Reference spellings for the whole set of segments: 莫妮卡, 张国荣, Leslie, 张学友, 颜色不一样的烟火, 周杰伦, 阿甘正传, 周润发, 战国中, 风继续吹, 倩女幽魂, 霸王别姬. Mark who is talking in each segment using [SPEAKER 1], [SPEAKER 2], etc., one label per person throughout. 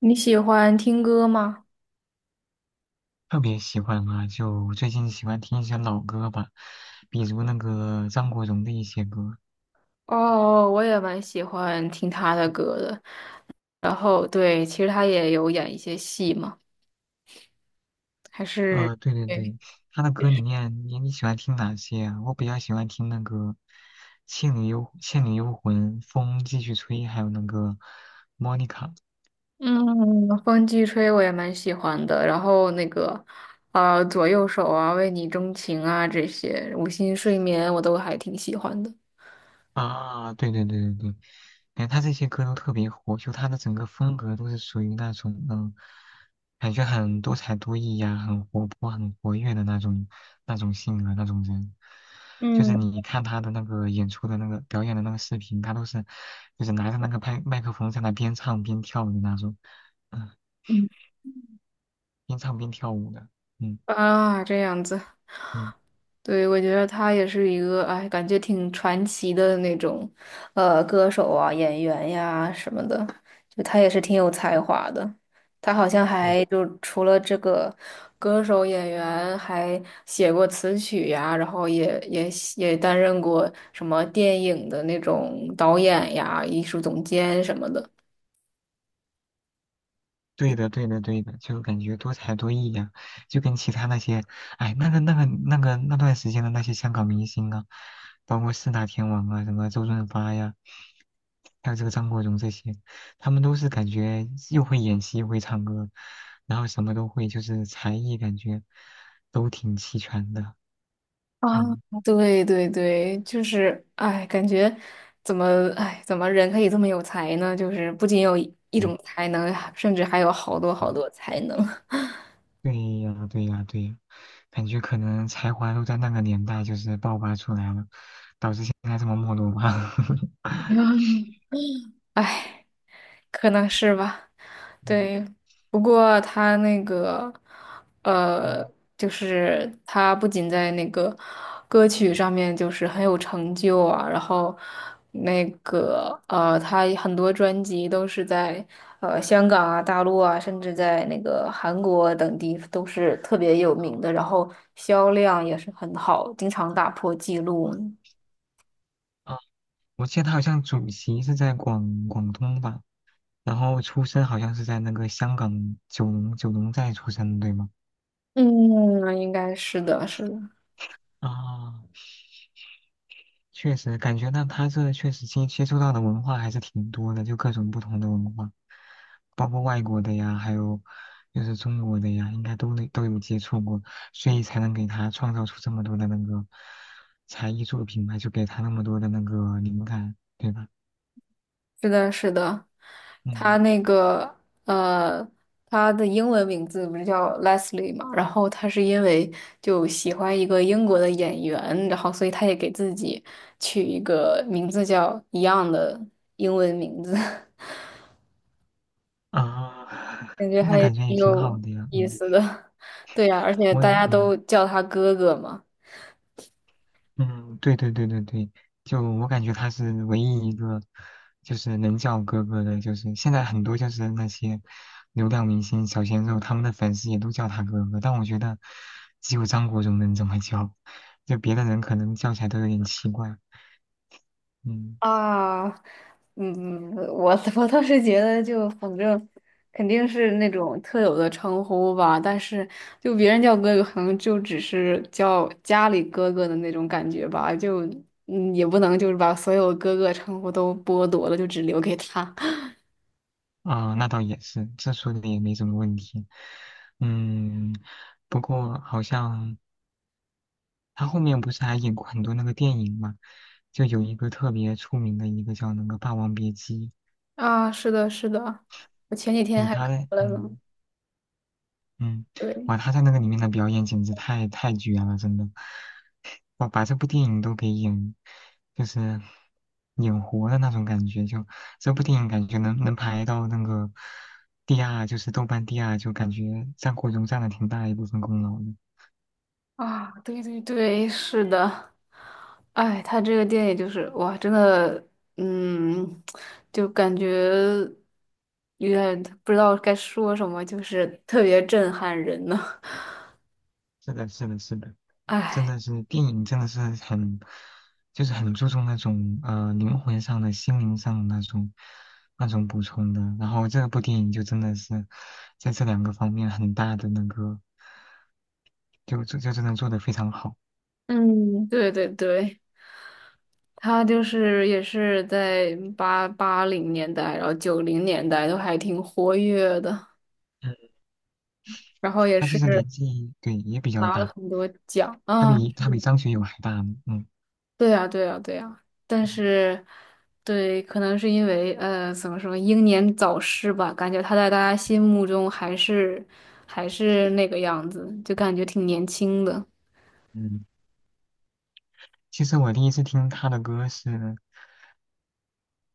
[SPEAKER 1] 你喜欢听歌吗？
[SPEAKER 2] 特别喜欢嘛，就最近喜欢听一些老歌吧，比如那个张国荣的一些歌。
[SPEAKER 1] 哦，我也蛮喜欢听他的歌的。然后，对，其实他也有演一些戏嘛，还是
[SPEAKER 2] 对对
[SPEAKER 1] 对，
[SPEAKER 2] 对，他的歌里面你喜欢听哪些啊？我比较喜欢听那个《倩女幽魂》《风继续吹》，还有那个《莫妮卡》。
[SPEAKER 1] 嗯，《风继吹》我也蛮喜欢的。然后那个，左右手啊，为你钟情啊，这些无心睡眠我都还挺喜欢的。
[SPEAKER 2] 啊，对对对对对，感觉他这些歌都特别火，就他的整个风格都是属于那种感觉很多才多艺呀、很活泼、很活跃的那种性格那种人。就是
[SPEAKER 1] 嗯，
[SPEAKER 2] 你看他的那个演出的那个表演的那个视频，他都是就是拿着那个麦克风在那边唱边跳的那种，嗯，
[SPEAKER 1] 嗯
[SPEAKER 2] 边唱边跳舞的，嗯
[SPEAKER 1] 啊，这样子。
[SPEAKER 2] 嗯。
[SPEAKER 1] 对，我觉得他也是一个，哎，感觉挺传奇的那种，歌手啊、演员呀什么的，就他也是挺有才华的。他好像
[SPEAKER 2] 对。
[SPEAKER 1] 还就除了这个歌手、演员，还写过词曲呀，然后也担任过什么电影的那种导演呀、艺术总监什么的。
[SPEAKER 2] 对的，对的，对的，就感觉多才多艺呀、就跟其他那些，哎，那个那段时间的那些香港明星啊，包括四大天王啊，什么周润发呀，还有这个张国荣这些，他们都是感觉又会演戏，又会唱歌，然后什么都会，就是才艺感觉都挺齐全的。
[SPEAKER 1] 啊，
[SPEAKER 2] 嗯，
[SPEAKER 1] 对对对，就是哎，感觉怎么人可以这么有才呢？就是不仅有一
[SPEAKER 2] 对，
[SPEAKER 1] 种才能，甚至还有好多好
[SPEAKER 2] 嗯
[SPEAKER 1] 多才能。
[SPEAKER 2] 对呀，对呀，对呀，感觉可能才华都在那个年代就是爆发出来了，导致现在这么没落吧。
[SPEAKER 1] 哎，可能是吧，
[SPEAKER 2] 嗯
[SPEAKER 1] 对。不过他那个，呃，
[SPEAKER 2] 嗯，
[SPEAKER 1] 就是他不仅在那个歌曲上面就是很有成就啊，然后那个他很多专辑都是在香港啊、大陆啊，甚至在那个韩国等地都是特别有名的，然后销量也是很好，经常打破记录。
[SPEAKER 2] 啊，我记得他好像主席是在广东吧，然后出生好像是在那个香港九龙寨出生的，对吗？
[SPEAKER 1] 嗯，应该是的，是的。
[SPEAKER 2] 啊，确实，感觉到他这确实接触到的文化还是挺多的，就各种不同的文化，包括外国的呀，还有就是中国的呀，应该都能都有接触过，所以才能给他创造出这么多的那个才艺作品吧，就给他那么多的那个灵感，对吧？
[SPEAKER 1] 是的，是的，他
[SPEAKER 2] 嗯
[SPEAKER 1] 那个呃，他的英文名字不是叫 Leslie 嘛？然后他是因为就喜欢一个英国的演员，然后所以他也给自己取一个名字叫一样的英文名字，
[SPEAKER 2] 啊，
[SPEAKER 1] 感觉
[SPEAKER 2] 那
[SPEAKER 1] 还
[SPEAKER 2] 感觉也
[SPEAKER 1] 挺
[SPEAKER 2] 挺好
[SPEAKER 1] 有
[SPEAKER 2] 的呀，
[SPEAKER 1] 意
[SPEAKER 2] 嗯，
[SPEAKER 1] 思的。对呀，而且
[SPEAKER 2] 我
[SPEAKER 1] 大
[SPEAKER 2] 也
[SPEAKER 1] 家
[SPEAKER 2] 嗯。
[SPEAKER 1] 都叫他哥哥嘛。
[SPEAKER 2] 嗯，对对对对对，就我感觉他是唯一一个，就是能叫哥哥的，就是现在很多就是那些流量明星、小鲜肉，他们的粉丝也都叫他哥哥，但我觉得只有张国荣能这么叫，就别的人可能叫起来都有点奇怪。嗯，
[SPEAKER 1] 啊，嗯，我 我倒是觉得，就反正肯定是那种特有的称呼吧，但是就别人叫哥哥，可能就只是叫家里哥哥的那种感觉吧，就也不能就是把所有哥哥称呼都剥夺了，就只留给他。
[SPEAKER 2] 啊、那倒也是，这说的也没什么问题。嗯，不过好像他后面不是还演过很多那个电影嘛，就有一个特别出名的一个叫那个《霸王别姬》。
[SPEAKER 1] 啊，是的，是的，我前几天
[SPEAKER 2] 嗯，
[SPEAKER 1] 还
[SPEAKER 2] 他
[SPEAKER 1] 看
[SPEAKER 2] 在，
[SPEAKER 1] 了呢，
[SPEAKER 2] 嗯嗯，哇，
[SPEAKER 1] 对。
[SPEAKER 2] 他在那个里面的表演简直太绝了，真的，哇，把这部电影都给演，就是演活的那种感觉，就这部电影感觉能排到那个第二，就是豆瓣第二，就感觉《战国中》占了挺大一部分功劳的。
[SPEAKER 1] 啊，对对对，是的，哎，他这个电影就是哇，真的，嗯，就感觉有点不知道该说什么，就是特别震撼人呢。
[SPEAKER 2] 是的，是的，是的，真
[SPEAKER 1] 哎，
[SPEAKER 2] 的是电影真的是很，就是很注重那种灵魂上的、心灵上的那种补充的。然后这部电影就真的是在这两个方面很大的那个，就真的做得非常好。
[SPEAKER 1] 嗯，对对对，他就是也是在八零年代，然后九零年代都还挺活跃的，
[SPEAKER 2] 嗯，
[SPEAKER 1] 然后也
[SPEAKER 2] 他
[SPEAKER 1] 是
[SPEAKER 2] 其实年纪对也比较
[SPEAKER 1] 拿了
[SPEAKER 2] 大，
[SPEAKER 1] 很多奖
[SPEAKER 2] 他
[SPEAKER 1] 啊。
[SPEAKER 2] 比他比张学友还大呢。嗯
[SPEAKER 1] 对呀，对呀，对呀，但是，对，可能是因为怎么说，英年早逝吧，感觉他在大家心目中还是那个样子，就感觉挺年轻的
[SPEAKER 2] 嗯，其实我第一次听他的歌是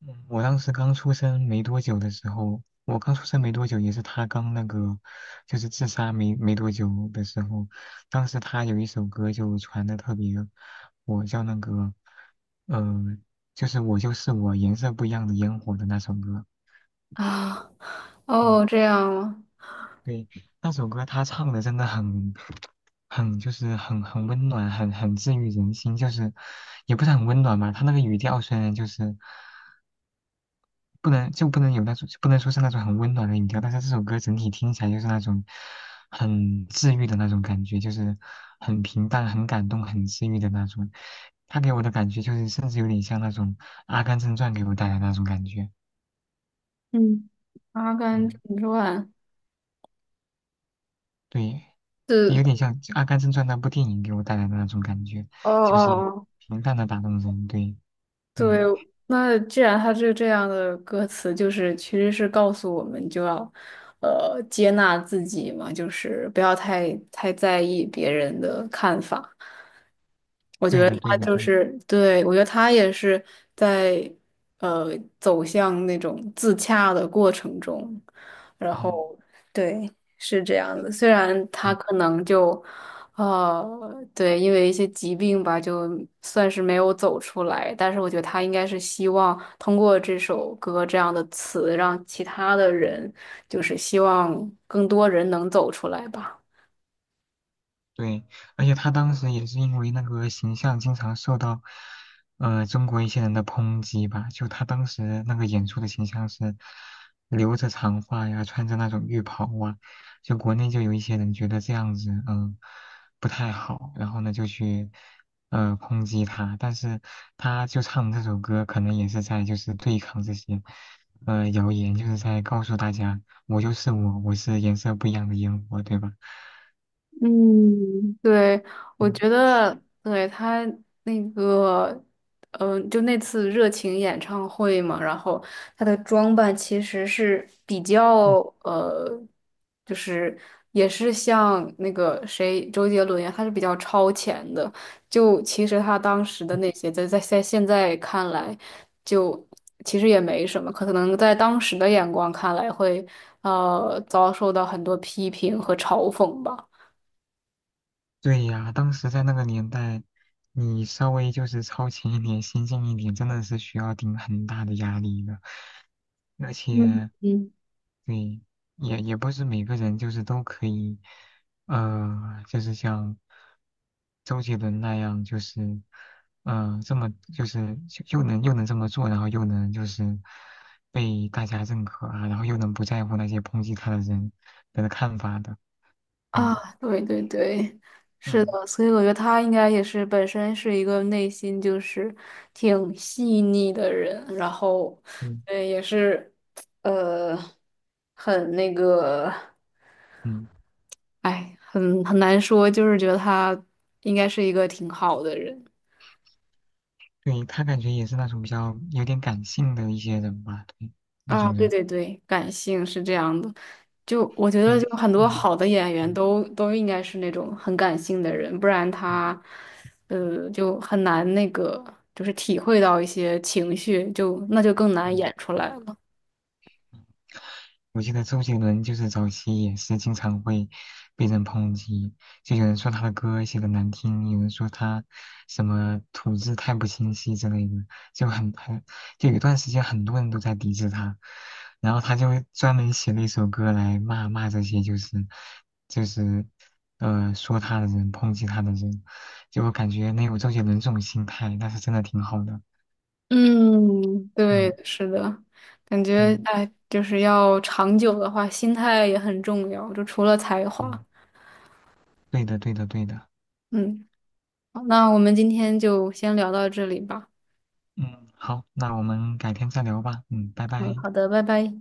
[SPEAKER 2] 嗯我当时刚出生没多久的时候，我刚出生没多久，也是他刚那个，就是自杀没多久的时候，当时他有一首歌就传的特别火，叫那个，呃，就是我就是我，颜色不一样的烟火的那首歌。
[SPEAKER 1] 啊。
[SPEAKER 2] 嗯，
[SPEAKER 1] 哦，这样吗？
[SPEAKER 2] 对，那首歌他唱的真的很，很就是很温暖，很治愈人心，就是也不是很温暖吧，他那个语调虽然就是。不能就不能有那种，不能说是那种很温暖的音调，但是这首歌整体听起来就是那种很治愈的那种感觉，就是很平淡、很感动、很治愈的那种。他给我的感觉就是，甚至有点像那种《阿甘正传》给我带来的那种感觉。
[SPEAKER 1] 嗯，《阿甘正
[SPEAKER 2] 嗯，
[SPEAKER 1] 传》
[SPEAKER 2] 对，也
[SPEAKER 1] 是
[SPEAKER 2] 有点像《阿甘正传》那部电影给我带来的那种感觉，
[SPEAKER 1] 哦
[SPEAKER 2] 就
[SPEAKER 1] 哦
[SPEAKER 2] 是
[SPEAKER 1] 哦，
[SPEAKER 2] 平淡的打动人。对，
[SPEAKER 1] 对，
[SPEAKER 2] 嗯，
[SPEAKER 1] 那既然他是这样的歌词，就是其实是告诉我们就要接纳自己嘛，就是不要太在意别人的看法。我觉
[SPEAKER 2] 对
[SPEAKER 1] 得
[SPEAKER 2] 的，对
[SPEAKER 1] 他
[SPEAKER 2] 的，
[SPEAKER 1] 就
[SPEAKER 2] 对的，
[SPEAKER 1] 是，对，我觉得他也是在呃走向那种自洽的过程中，然
[SPEAKER 2] 嗯。
[SPEAKER 1] 后对，是这样的。虽然他
[SPEAKER 2] 对。
[SPEAKER 1] 可能就呃对，因为一些疾病吧，就算是没有走出来，但是我觉得他应该是希望通过这首歌这样的词，让其他的人，就是希望更多人能走出来吧。
[SPEAKER 2] 对，而且他当时也是因为那个形象经常受到，中国一些人的抨击吧。就他当时那个演出的形象是留着长发呀，穿着那种浴袍啊，就国内就有一些人觉得这样子，嗯，不太好，然后呢就去，抨击他。但是他就唱这首歌，可能也是在就是对抗这些，谣言，就是在告诉大家，我就是我，我是颜色不一样的烟火，对吧？
[SPEAKER 1] 嗯，对，我觉得对他那个，嗯、就那次热情演唱会嘛，然后他的装扮其实是比较呃，就是也是像那个谁周杰伦一样他是比较超前的。就其实他当时的那些，在现在看来，就其实也没什么，可能在当时的眼光看来会遭受到很多批评和嘲讽吧。
[SPEAKER 2] 对呀，当时在那个年代，你稍微就是超前一点、先进一点，真的是需要顶很大的压力的。而
[SPEAKER 1] 嗯
[SPEAKER 2] 且，
[SPEAKER 1] 嗯
[SPEAKER 2] 对，也不是每个人就是都可以，就是像周杰伦那样，就是，这么就是就又能这么做，然后又能就是被大家认可啊，然后又能不在乎那些抨击他的人的看法的，
[SPEAKER 1] 啊，
[SPEAKER 2] 嗯
[SPEAKER 1] 对对对，是
[SPEAKER 2] 嗯
[SPEAKER 1] 的，所以我觉得他应该也是本身是一个内心就是挺细腻的人，然后，
[SPEAKER 2] 嗯
[SPEAKER 1] 也是，呃，很那个，
[SPEAKER 2] 嗯。
[SPEAKER 1] 哎，很难说，就是觉得他应该是一个挺好的人。
[SPEAKER 2] 对，他感觉也是那种比较有点感性的一些人吧，对，那
[SPEAKER 1] 啊，
[SPEAKER 2] 种
[SPEAKER 1] 对
[SPEAKER 2] 人，
[SPEAKER 1] 对对，感性是这样的。就我觉得，
[SPEAKER 2] 对，
[SPEAKER 1] 就很多
[SPEAKER 2] 嗯
[SPEAKER 1] 好的演员
[SPEAKER 2] 嗯
[SPEAKER 1] 都应该是那种很感性的人，不然
[SPEAKER 2] 嗯
[SPEAKER 1] 他，就很难那个，就是体会到一些情绪，就那就更
[SPEAKER 2] 嗯，
[SPEAKER 1] 难演出来了。
[SPEAKER 2] 我记得周杰伦就是早期也是经常会被人抨击，就有人说他的歌写的难听，有人说他什么吐字太不清晰之类的，就很就有一段时间很多人都在抵制他，然后他就专门写了一首歌来骂骂这些就是说他的人抨击他的人，就我感觉能有周杰伦这种心态，那是真的挺好的，
[SPEAKER 1] 嗯，对，
[SPEAKER 2] 嗯
[SPEAKER 1] 是的，感觉
[SPEAKER 2] 嗯
[SPEAKER 1] 哎，就是要长久的话，心态也很重要，就除了才华。
[SPEAKER 2] 嗯，对的对的对的。
[SPEAKER 1] 嗯，好，那我们今天就先聊到这里吧。
[SPEAKER 2] 嗯，好，那我们改天再聊吧。嗯，拜
[SPEAKER 1] 嗯，
[SPEAKER 2] 拜。
[SPEAKER 1] 好的，拜拜。